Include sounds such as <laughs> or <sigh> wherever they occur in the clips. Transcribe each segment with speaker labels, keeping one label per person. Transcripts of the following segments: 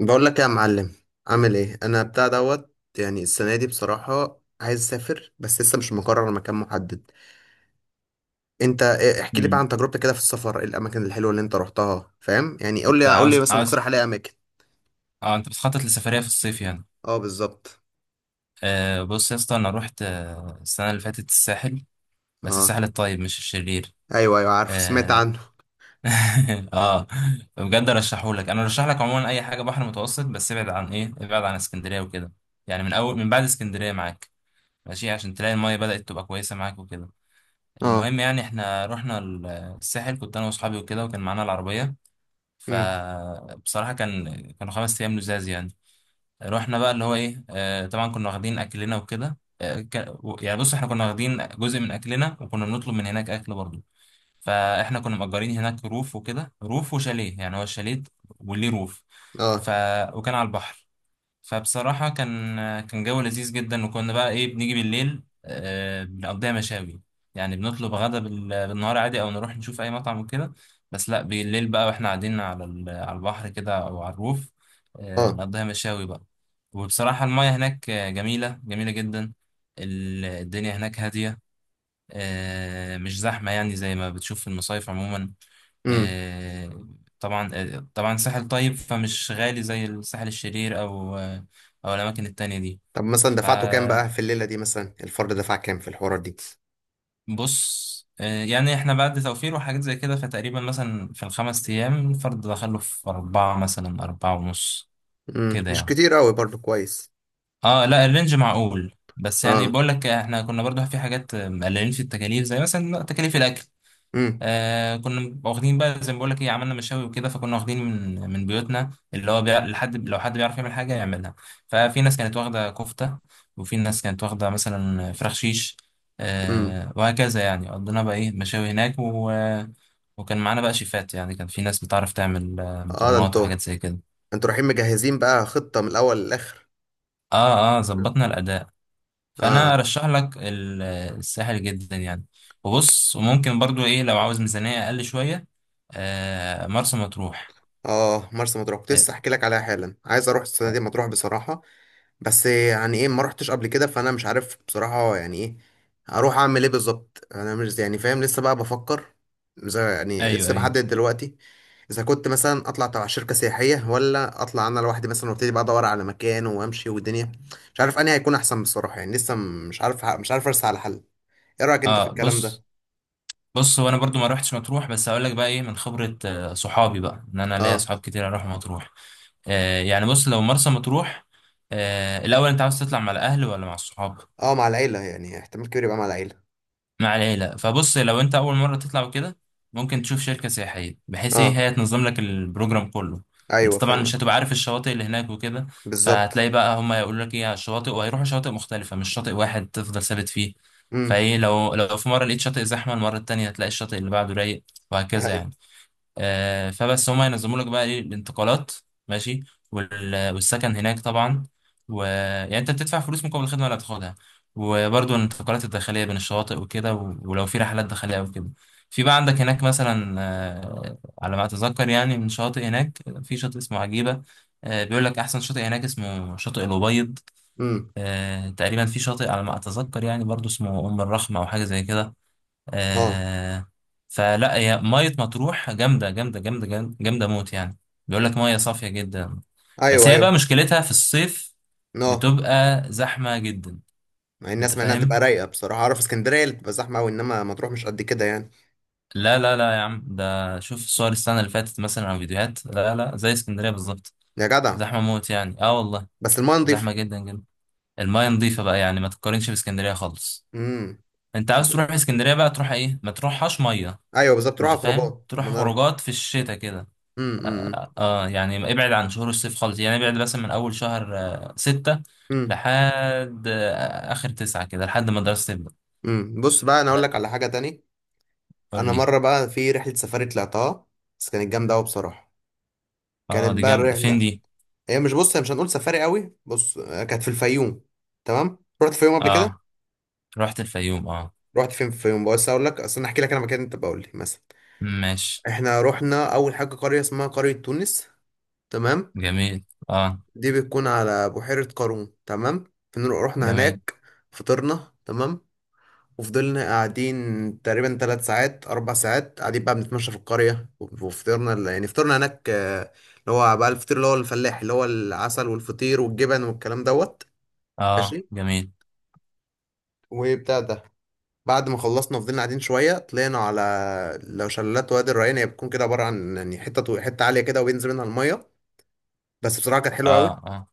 Speaker 1: بقول لك إيه يا معلم؟ عامل ايه؟ انا بتاع دوت، يعني السنه دي بصراحه عايز اسافر، بس لسه مش مقرر مكان محدد. احكي لي بقى
Speaker 2: مم.
Speaker 1: عن تجربتك كده في السفر، إيه الاماكن الحلوه اللي انت روحتها؟ فاهم يعني؟ قول
Speaker 2: انت
Speaker 1: لي قول
Speaker 2: عاوز
Speaker 1: لي مثلا
Speaker 2: عاوز
Speaker 1: اقترح عليا اماكن.
Speaker 2: اه انت بتخطط لسفرية في الصيف يعني.
Speaker 1: اه بالظبط.
Speaker 2: بص يا اسطى، انا رحت السنة اللي فاتت الساحل، بس
Speaker 1: اه.
Speaker 2: الساحل الطيب مش الشرير.
Speaker 1: ايوه ايوه، عارفه، سمعت
Speaker 2: اه,
Speaker 1: عنه.
Speaker 2: <laughs> آه. بجد ارشحهولك، انا ارشح لك عموما اي حاجة بحر متوسط، بس ابعد عن ابعد عن اسكندرية وكده. يعني من بعد اسكندرية معاك ماشي، عشان تلاقي المية بدأت تبقى كويسة معاك وكده.
Speaker 1: اه.
Speaker 2: المهم، يعني احنا رحنا الساحل، كنت انا واصحابي وكده وكان معانا العربية.
Speaker 1: امم.
Speaker 2: فبصراحة كانوا 5 ايام لزاز يعني. رحنا بقى اللي هو ايه آه طبعا كنا واخدين اكلنا وكده، يعني بص، احنا كنا واخدين جزء من اكلنا وكنا بنطلب من هناك اكل برضه. فاحنا كنا مأجرين هناك روف وكده، روف وشاليه، يعني هو الشاليه وليه روف.
Speaker 1: اه.
Speaker 2: ف وكان على البحر. فبصراحة كان جو لذيذ جدا، وكنا بقى بنيجي بالليل، بنقضيها مشاوي. يعني بنطلب غدا بالنهار عادي، أو نروح نشوف أي مطعم وكده. بس لأ، بالليل بقى وإحنا قاعدين على على البحر كده، أو على الروف،
Speaker 1: اه.
Speaker 2: نقضيها مشاوي بقى. وبصراحة المياه هناك جميلة جميلة جدا. الدنيا هناك هادية، مش زحمة يعني زي ما بتشوف في المصايف عموما.
Speaker 1: امم.
Speaker 2: آه، طبعا ساحل طيب، فمش غالي زي الساحل الشرير أو أو الأماكن التانية دي.
Speaker 1: طب مثلا دفعته كام
Speaker 2: فبص،
Speaker 1: بقى في الليله دي، مثلا الفرد دفع كام في الحوارات دي؟
Speaker 2: يعني احنا بعد توفير وحاجات زي كده، فتقريبا مثلا في الخمس أيام الفرد دخله في أربعة، مثلا أربعة ونص
Speaker 1: امم،
Speaker 2: كده
Speaker 1: مش
Speaker 2: يعني.
Speaker 1: كتير قوي برضو، كويس.
Speaker 2: اه لا، الرينج معقول، بس يعني
Speaker 1: اه.
Speaker 2: بقول لك احنا كنا برضو في حاجات مقللين في التكاليف زي مثلا تكاليف الأكل.
Speaker 1: امم.
Speaker 2: كنا واخدين بقى زي ما بقول لك، عملنا مشاوي وكده، فكنا واخدين من بيوتنا، اللي هو لحد لو حد بيعرف يعمل حاجه يعملها. ففي ناس كانت واخده كفته، وفي ناس كانت واخده مثلا فراخ شيش.
Speaker 1: امم.
Speaker 2: وهكذا يعني قضينا بقى مشاوي هناك وكان معانا بقى شيفات، يعني كان في ناس بتعرف تعمل
Speaker 1: اه ده
Speaker 2: مكرونات
Speaker 1: انتوا،
Speaker 2: وحاجات زي كده.
Speaker 1: انتوا رايحين مجهزين بقى، خطة من الاول للاخر.
Speaker 2: اه اه، ظبطنا الاداء.
Speaker 1: اه.
Speaker 2: فانا ارشح لك الساحل جدا يعني. وبص، وممكن برضو لو عاوز ميزانيه اقل شويه، مرسى مطروح.
Speaker 1: اه، مرسى مطروح كنت
Speaker 2: أي-
Speaker 1: لسه احكي لك عليها حالا، عايز اروح السنة
Speaker 2: طب.
Speaker 1: دي مطروح بصراحة. بس يعني ايه، ما رحتش قبل كده، فانا مش عارف بصراحة يعني ايه اروح اعمل ايه بالظبط. انا مش يعني فاهم، لسه بقى بفكر. زي يعني
Speaker 2: ايوه
Speaker 1: لسه
Speaker 2: ايوه.
Speaker 1: بحدد دلوقتي، اذا كنت مثلا اطلع تبع شركة سياحية، ولا اطلع انا لوحدي مثلا وابتدي بقى ادور على مكان وامشي والدنيا. مش عارف انهي هيكون احسن بصراحة، يعني لسه مش عارف، مش عارف ارسى على حل. ايه رأيك انت في
Speaker 2: اه
Speaker 1: الكلام ده؟
Speaker 2: بص هو انا برضو ما روحتش مطروح، بس هقول لك بقى من خبره صحابي بقى، ان انا ليا
Speaker 1: اه.
Speaker 2: صحاب كتير اروح مطروح. يعني بص، لو مرسى مطروح، الاول انت عاوز تطلع مع الاهل ولا مع الصحاب؟
Speaker 1: اه مع العيلة، يعني احتمال كبير يبقى مع العيلة.
Speaker 2: مع العيلة، فبص لو انت اول مرة تطلع وكده، ممكن تشوف شركة سياحية بحيث
Speaker 1: اه
Speaker 2: هي تنظم لك البروجرام كله. انت
Speaker 1: ايوه
Speaker 2: طبعا مش
Speaker 1: فاهم.
Speaker 2: هتبقى عارف الشواطئ اللي هناك وكده.
Speaker 1: بالظبط.
Speaker 2: فهتلاقي بقى هما يقولوا لك على الشواطئ، وهيروحوا شواطئ مختلفة، مش شاطئ واحد تفضل ثابت فيه.
Speaker 1: امم.
Speaker 2: لو في مرة لقيت شاطئ زحمة، المرة التانية هتلاقي الشاطئ اللي بعده رايق، وهكذا
Speaker 1: ايوه.
Speaker 2: يعني. فبس هما ينظموا لك بقى الانتقالات ماشي، والسكن هناك طبعا. و يعني انت بتدفع فلوس مقابل الخدمه اللي هتاخدها، وبرضه الانتقالات الداخليه بين الشواطئ وكده ولو في رحلات داخليه او كده. في بقى عندك هناك مثلا، على ما اتذكر يعني، من شاطئ هناك في شاطئ اسمه عجيبه. بيقول لك احسن شاطئ هناك اسمه شاطئ الابيض.
Speaker 1: امم.
Speaker 2: تقريبا في شاطئ على ما اتذكر يعني برضه اسمه ام الرخمه او حاجه زي كده.
Speaker 1: اه.
Speaker 2: آه فلا، هي مية مطروح جامدة جامدة جامدة جامدة جامدة موت يعني. بيقول لك مية صافية جدا، بس
Speaker 1: ايوه
Speaker 2: هي بقى
Speaker 1: ايوه.
Speaker 2: مشكلتها في الصيف
Speaker 1: اه،
Speaker 2: بتبقى زحمة جدا.
Speaker 1: مع
Speaker 2: انت
Speaker 1: الناس، مع انها تبقى
Speaker 2: فاهم؟
Speaker 1: رايقة. بصراحة اعرف اسكندرية اللي بتبقى زحمة قوي، انما مطروح مش قد كده يعني.
Speaker 2: لا لا لا يا عم، ده شوف الصور السنة اللي فاتت مثلا او فيديوهات، لا لا زي اسكندرية بالظبط.
Speaker 1: يا جدع.
Speaker 2: زحمة موت يعني، اه والله،
Speaker 1: بس المايه
Speaker 2: زحمة
Speaker 1: نضيفة.
Speaker 2: جدا جدا. المية نظيفة بقى يعني ما تقارنش باسكندرية خالص.
Speaker 1: امم.
Speaker 2: انت عاوز تروح اسكندرية بقى تروح ايه؟ ما تروحهاش مية.
Speaker 1: ايوه بالظبط، تروح
Speaker 2: انت
Speaker 1: على
Speaker 2: فاهم؟
Speaker 1: خروجات، ما
Speaker 2: تروح
Speaker 1: انا اروح.
Speaker 2: خروجات في الشتاء كده.
Speaker 1: امم. امم.
Speaker 2: يعني ابعد عن شهور الصيف خالص، يعني ابعد مثلا من اول شهر 6،
Speaker 1: امم.
Speaker 2: لحد اخر 9 كده لحد ما الدراسة تبدأ.
Speaker 1: امم. بص بقى، انا اقول لك على
Speaker 2: لا،
Speaker 1: حاجة تاني.
Speaker 2: قول
Speaker 1: انا
Speaker 2: لي.
Speaker 1: مرة بقى في رحلة سفاري طلعتها، بس كانت جامدة قوي بصراحة.
Speaker 2: اه،
Speaker 1: كانت
Speaker 2: دي
Speaker 1: بقى
Speaker 2: جامدة فين
Speaker 1: الرحلة،
Speaker 2: دي؟
Speaker 1: هي مش هنقول سفاري قوي، بص آه، كانت في الفيوم. تمام، رحت الفيوم قبل كده.
Speaker 2: اه، رحت الفيوم اه.
Speaker 1: رحت فين في الفيوم؟ بس اقول لك، اصل انا احكي لك انا مكان انت بقول لي مثلا.
Speaker 2: ماشي.
Speaker 1: احنا رحنا اول حاجه قريه اسمها قريه تونس، تمام.
Speaker 2: جميل. اه.
Speaker 1: دي بتكون على بحيره قارون، تمام. رحنا
Speaker 2: جميل.
Speaker 1: هناك، فطرنا، تمام. وفضلنا قاعدين تقريبا ثلاث ساعات اربع ساعات، قاعدين بقى بنتمشى في القريه، وفطرنا يعني فطرنا هناك، آه، اللي هو بقى الفطير، اللي هو الفلاح، اللي هو العسل والفطير والجبن والكلام دوت.
Speaker 2: اه.
Speaker 1: ماشي،
Speaker 2: جميل.
Speaker 1: وبتاع ده. بعد ما خلصنا فضلنا قاعدين شويه، طلعنا على، لو شلالات وادي الريان. هي بتكون كده عباره عن يعني حته حته عاليه كده، وبينزل منها الميه. بس بصراحه كانت حلوه قوي.
Speaker 2: اه. اه.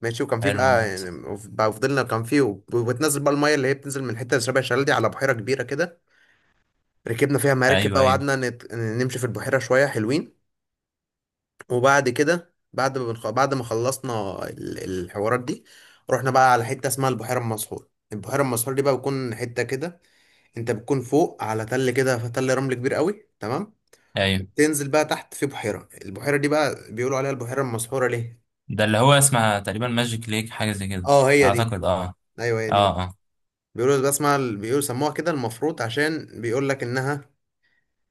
Speaker 1: ماشي، وكان في
Speaker 2: حلو
Speaker 1: بقى يعني،
Speaker 2: موت.
Speaker 1: بقى فضلنا، كان في وبتنزل بقى الميه اللي هي بتنزل من حته شبه الشلال دي على بحيره كبيره كده. ركبنا فيها مراكب بقى،
Speaker 2: ايوه ايوه
Speaker 1: وقعدنا نمشي في البحيره شويه، حلوين. وبعد كده بعد ما خلصنا الحوارات دي، رحنا بقى على حته اسمها البحيره المسحور. البحيره المسحور دي بقى بتكون حته كده، انت بتكون فوق على تل كده، تل رمل كبير قوي، تمام.
Speaker 2: ايوه.
Speaker 1: وبتنزل بقى تحت في بحيرة. البحيرة دي بقى بيقولوا عليها البحيرة المسحورة ليه؟
Speaker 2: ده اللي هو اسمها تقريبا ماجيك ليك، حاجة زي كده
Speaker 1: اه هي دي.
Speaker 2: اعتقد. اه.
Speaker 1: ايوه هي دي بقى.
Speaker 2: اه. اه.
Speaker 1: بيقولوا بقى اسمها، بيقولوا سموها كده المفروض، عشان بيقول لك انها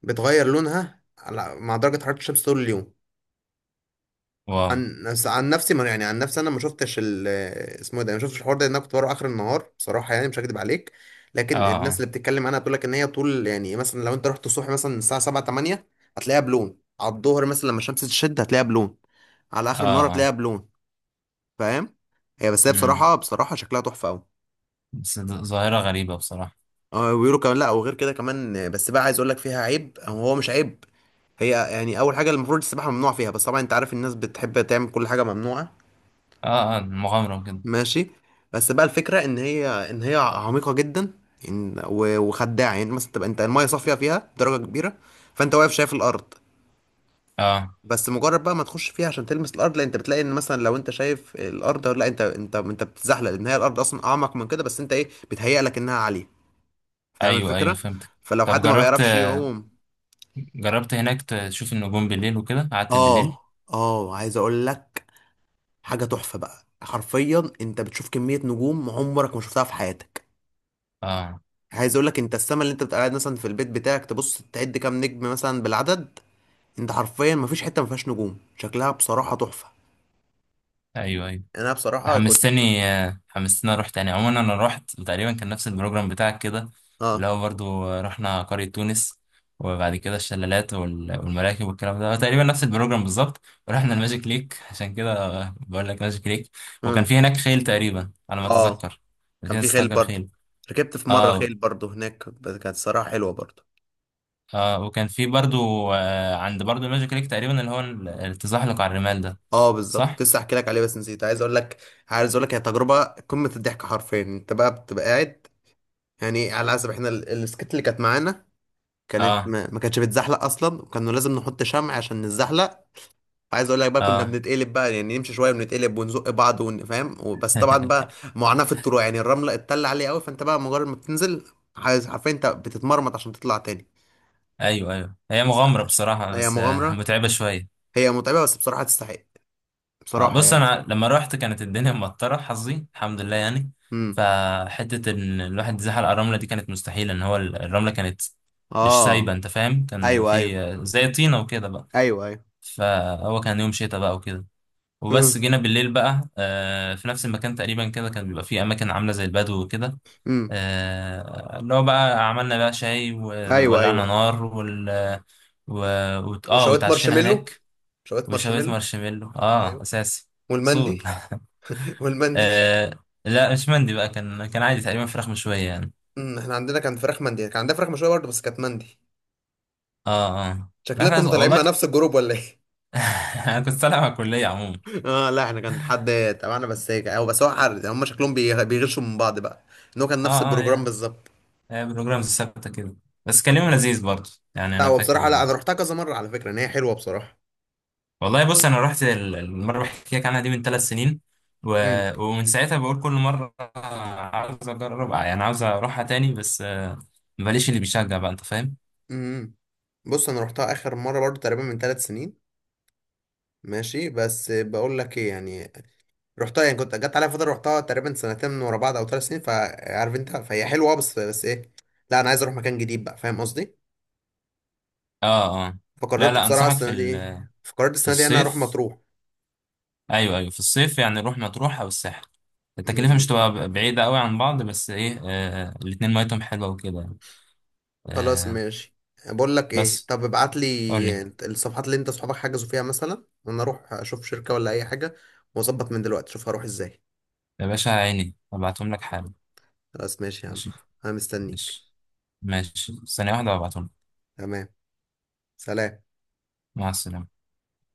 Speaker 1: بتغير لونها على مع درجة حرارة الشمس طول اليوم.
Speaker 2: واو.
Speaker 1: عن نفس، عن نفسي، ما يعني عن نفسي انا ما شفتش ال، اسمه إيه ده، ما شفتش الحوار ده، لان انا كنت بروح اخر النهار بصراحة، يعني مش هكدب عليك.
Speaker 2: اه.
Speaker 1: لكن الناس
Speaker 2: اه.
Speaker 1: اللي بتتكلم عنها بتقول لك ان هي طول، يعني مثلا لو انت رحت الصبح مثلا الساعة 7 8، هتلاقيها بلون، على الظهر مثلا لما الشمس تشد هتلاقيها بلون، على
Speaker 2: اه.
Speaker 1: اخر النهار هتلاقيها
Speaker 2: اه.
Speaker 1: بلون. فاهم؟ هي
Speaker 2: مم.
Speaker 1: بصراحه بصراحه شكلها تحفه قوي.
Speaker 2: بس ده ظاهرة غريبة بصراحة.
Speaker 1: اه، ويقولوا كمان، لا وغير كده كمان آه، بس بقى عايز اقول لك فيها عيب، او هو مش عيب. هي يعني اول حاجه المفروض السباحه ممنوع فيها، بس طبعا انت عارف الناس بتحب تعمل كل حاجه ممنوعه.
Speaker 2: اه اه، مغامرة كده.
Speaker 1: ماشي. بس بقى الفكره ان هي عميقه جدا. وخداعه، يعني مثلا تبقى انت المايه صافيه فيها بدرجه كبيره، فانت واقف شايف الارض.
Speaker 2: اه،
Speaker 1: بس مجرد بقى ما تخش فيها عشان تلمس الارض، لا انت بتلاقي ان مثلا لو انت شايف الارض، لا انت بتتزحلق، لان هي الارض اصلا اعمق من كده، بس انت ايه بتهيأ لك انها عاليه. فاهم
Speaker 2: ايوه ايوه
Speaker 1: الفكرة؟
Speaker 2: فهمتك.
Speaker 1: فلو
Speaker 2: طب،
Speaker 1: حد ما بيعرفش يعوم.
Speaker 2: جربت هناك تشوف النجوم بالليل وكده، قعدت بالليل؟
Speaker 1: اه. اه عايز اقول لك حاجه تحفه بقى، حرفيا انت بتشوف كميه نجوم عمرك ما شفتها في حياتك.
Speaker 2: اه،
Speaker 1: عايز اقول لك، انت السما اللي انت بتبقى قاعد مثلا في البيت بتاعك تبص تعد كام نجم مثلا بالعدد، انت حرفيا ما فيش حته ما فيهاش نجوم، شكلها بصراحه تحفه.
Speaker 2: ايوه ايوه.
Speaker 1: انا بصراحة كنت.
Speaker 2: حمستني اروح تاني. عموما انا رحت تقريبا كان نفس البروجرام بتاعك كده، اللي
Speaker 1: اه.
Speaker 2: هو برضو رحنا قرية تونس، وبعد كده الشلالات والمراكب والكلام ده، تقريبا نفس البروجرام بالظبط. ورحنا الماجيك ليك عشان كده، بقول لك ماجيك ليك. وكان
Speaker 1: امم.
Speaker 2: في هناك خيل تقريبا على ما
Speaker 1: اه
Speaker 2: اتذكر، كان في
Speaker 1: كان
Speaker 2: ناس
Speaker 1: في خيل
Speaker 2: تستأجر
Speaker 1: برضه،
Speaker 2: خيل.
Speaker 1: ركبت في مرة
Speaker 2: اه
Speaker 1: خيل برضه هناك، بس كانت صراحة حلوة برضه.
Speaker 2: اه. وكان في برضو عند برضو الماجيك ليك تقريبا اللي هو التزحلق على الرمال ده.
Speaker 1: اه بالظبط،
Speaker 2: صح؟
Speaker 1: كنت لسه احكي لك عليه بس نسيت، عايز اقول لك. عايز اقول لك، هي تجربه قمه الضحك حرفيا. انت بقى بتبقى قاعد يعني على حسب احنا السكت اللي كانت معانا، كانت
Speaker 2: اه.
Speaker 1: ما كانتش بتزحلق اصلا، وكانوا لازم نحط شمع عشان نتزحلق. عايز اقول لك بقى كنا
Speaker 2: اه.
Speaker 1: بنتقلب بقى، يعني نمشي شويه ونتقلب ونزق بعض فاهم، وبس طبعا
Speaker 2: <laughs>
Speaker 1: بقى معاناه في الطلوع، يعني الرمله اتل عليه قوي، فانت بقى مجرد ما بتنزل، عايز حرفيا انت بتتمرمط عشان تطلع تاني.
Speaker 2: ايوه ايوه، هي مغامرة بصراحة،
Speaker 1: هي
Speaker 2: بس
Speaker 1: مغامره،
Speaker 2: متعبة شوية.
Speaker 1: هي متعبه، بس بصراحه تستحق بصراحه
Speaker 2: بص،
Speaker 1: يعني.
Speaker 2: انا لما رحت كانت الدنيا مطرة، حظي الحمد لله يعني.
Speaker 1: امم.
Speaker 2: فحتة ان الواحد يزحل على الرملة دي كانت مستحيلة، ان هو الرملة كانت مش سايبة،
Speaker 1: اه.
Speaker 2: انت فاهم؟ كان
Speaker 1: ايوه ايوه.
Speaker 2: في زي طينة وكده بقى.
Speaker 1: ايوه
Speaker 2: فهو كان يوم شتاء بقى وكده.
Speaker 1: ايوه.
Speaker 2: وبس جينا بالليل بقى في نفس المكان تقريبا كده، كان بيبقى فيه اماكن عاملة زي البدو وكده،
Speaker 1: امم.
Speaker 2: اللي هو بقى عملنا بقى شاي
Speaker 1: ايوه
Speaker 2: وولعنا
Speaker 1: ايوه.
Speaker 2: نار وال و... وت- اه
Speaker 1: وشوية
Speaker 2: وتعشينا
Speaker 1: مارشميلو،
Speaker 2: هناك.
Speaker 1: شوية
Speaker 2: وشوية
Speaker 1: مارشميلو.
Speaker 2: مارشميلو
Speaker 1: ايوه.
Speaker 2: اساسي. اصول. <laughs>
Speaker 1: والمندي. <laughs> والمندي.
Speaker 2: آه لا، مش مندي بقى، كان عادي تقريبا فراخ مشوية يعني.
Speaker 1: امم، احنا عندنا كان فراخ مندي، كان عندنا فراخ مشوية برضه بس كانت مندي.
Speaker 2: اه اه، لا،
Speaker 1: شكلنا كنا
Speaker 2: احنا
Speaker 1: طالعين
Speaker 2: والله
Speaker 1: مع نفس الجروب ولا ايه؟
Speaker 2: <laughs> انا كنت طالع مع الكلية عموما.
Speaker 1: <laughs> اه لا، احنا كان حد تبعنا بس، هيك او بس هو حر، هم شكلهم بيغشوا من بعض بقى، ان هو كان نفس
Speaker 2: اه اه،
Speaker 1: البروجرام
Speaker 2: هي
Speaker 1: بالظبط.
Speaker 2: هي بروجرامز ثابتة كده. بس كان يوم لذيذ برضه يعني،
Speaker 1: لا
Speaker 2: انا
Speaker 1: هو
Speaker 2: فاكر.
Speaker 1: بصراحه، لا انا رحتها كذا مره على فكره، ان هي حلوه بصراحه.
Speaker 2: والله بص، انا رحت المره اللي بحكي لك عنها دي من 3 سنين، و...
Speaker 1: امم.
Speaker 2: ومن ساعتها بقول كل مره عاوز اجرب يعني، عاوز اروحها تاني، بس ماليش اللي بيشجع بقى، انت فاهم.
Speaker 1: امم. امم. بص انا رحتها اخر مره برضو تقريبا من ثلاث سنين، ماشي؟ بس بقول لك ايه يعني، رحتها يعني كنت جت عليا فتره رحتها تقريبا سنتين من ورا بعض او ثلاث سنين، فعارف انت فهي حلوه اه، بس بس ايه، لا انا عايز اروح مكان جديد بقى، فاهم قصدي؟
Speaker 2: اه اه. لا
Speaker 1: فقررت
Speaker 2: لا،
Speaker 1: بصراحه
Speaker 2: انصحك
Speaker 1: السنه دي، فقررت
Speaker 2: في
Speaker 1: السنه دي انا اروح
Speaker 2: الصيف.
Speaker 1: مطروح.
Speaker 2: ايوه ايوه، في الصيف. يعني نروح مطروح او الساحل، التكلفه
Speaker 1: م-
Speaker 2: مش تبقى بعيده قوي عن بعض، بس ايه آه الاتنين ميتهم حلوه وكده يعني.
Speaker 1: خلاص
Speaker 2: آه
Speaker 1: ماشي. بقول لك ايه،
Speaker 2: بس
Speaker 1: طب ابعت
Speaker 2: قول
Speaker 1: لي
Speaker 2: لي.
Speaker 1: الصفحات اللي انت اصحابك حجزوا فيها مثلا، وانا اروح اشوف شركه ولا اي حاجه، واظبط من دلوقتي اشوف هروح ازاي.
Speaker 2: يا باشا عيني، ابعتهم لك حالا.
Speaker 1: خلاص ماشي يا عم،
Speaker 2: ماشي.
Speaker 1: انا مستنيك.
Speaker 2: ماشي. ماشي، ثانيه واحده وابعتهم لك.
Speaker 1: تمام، سلام.
Speaker 2: مع السلامه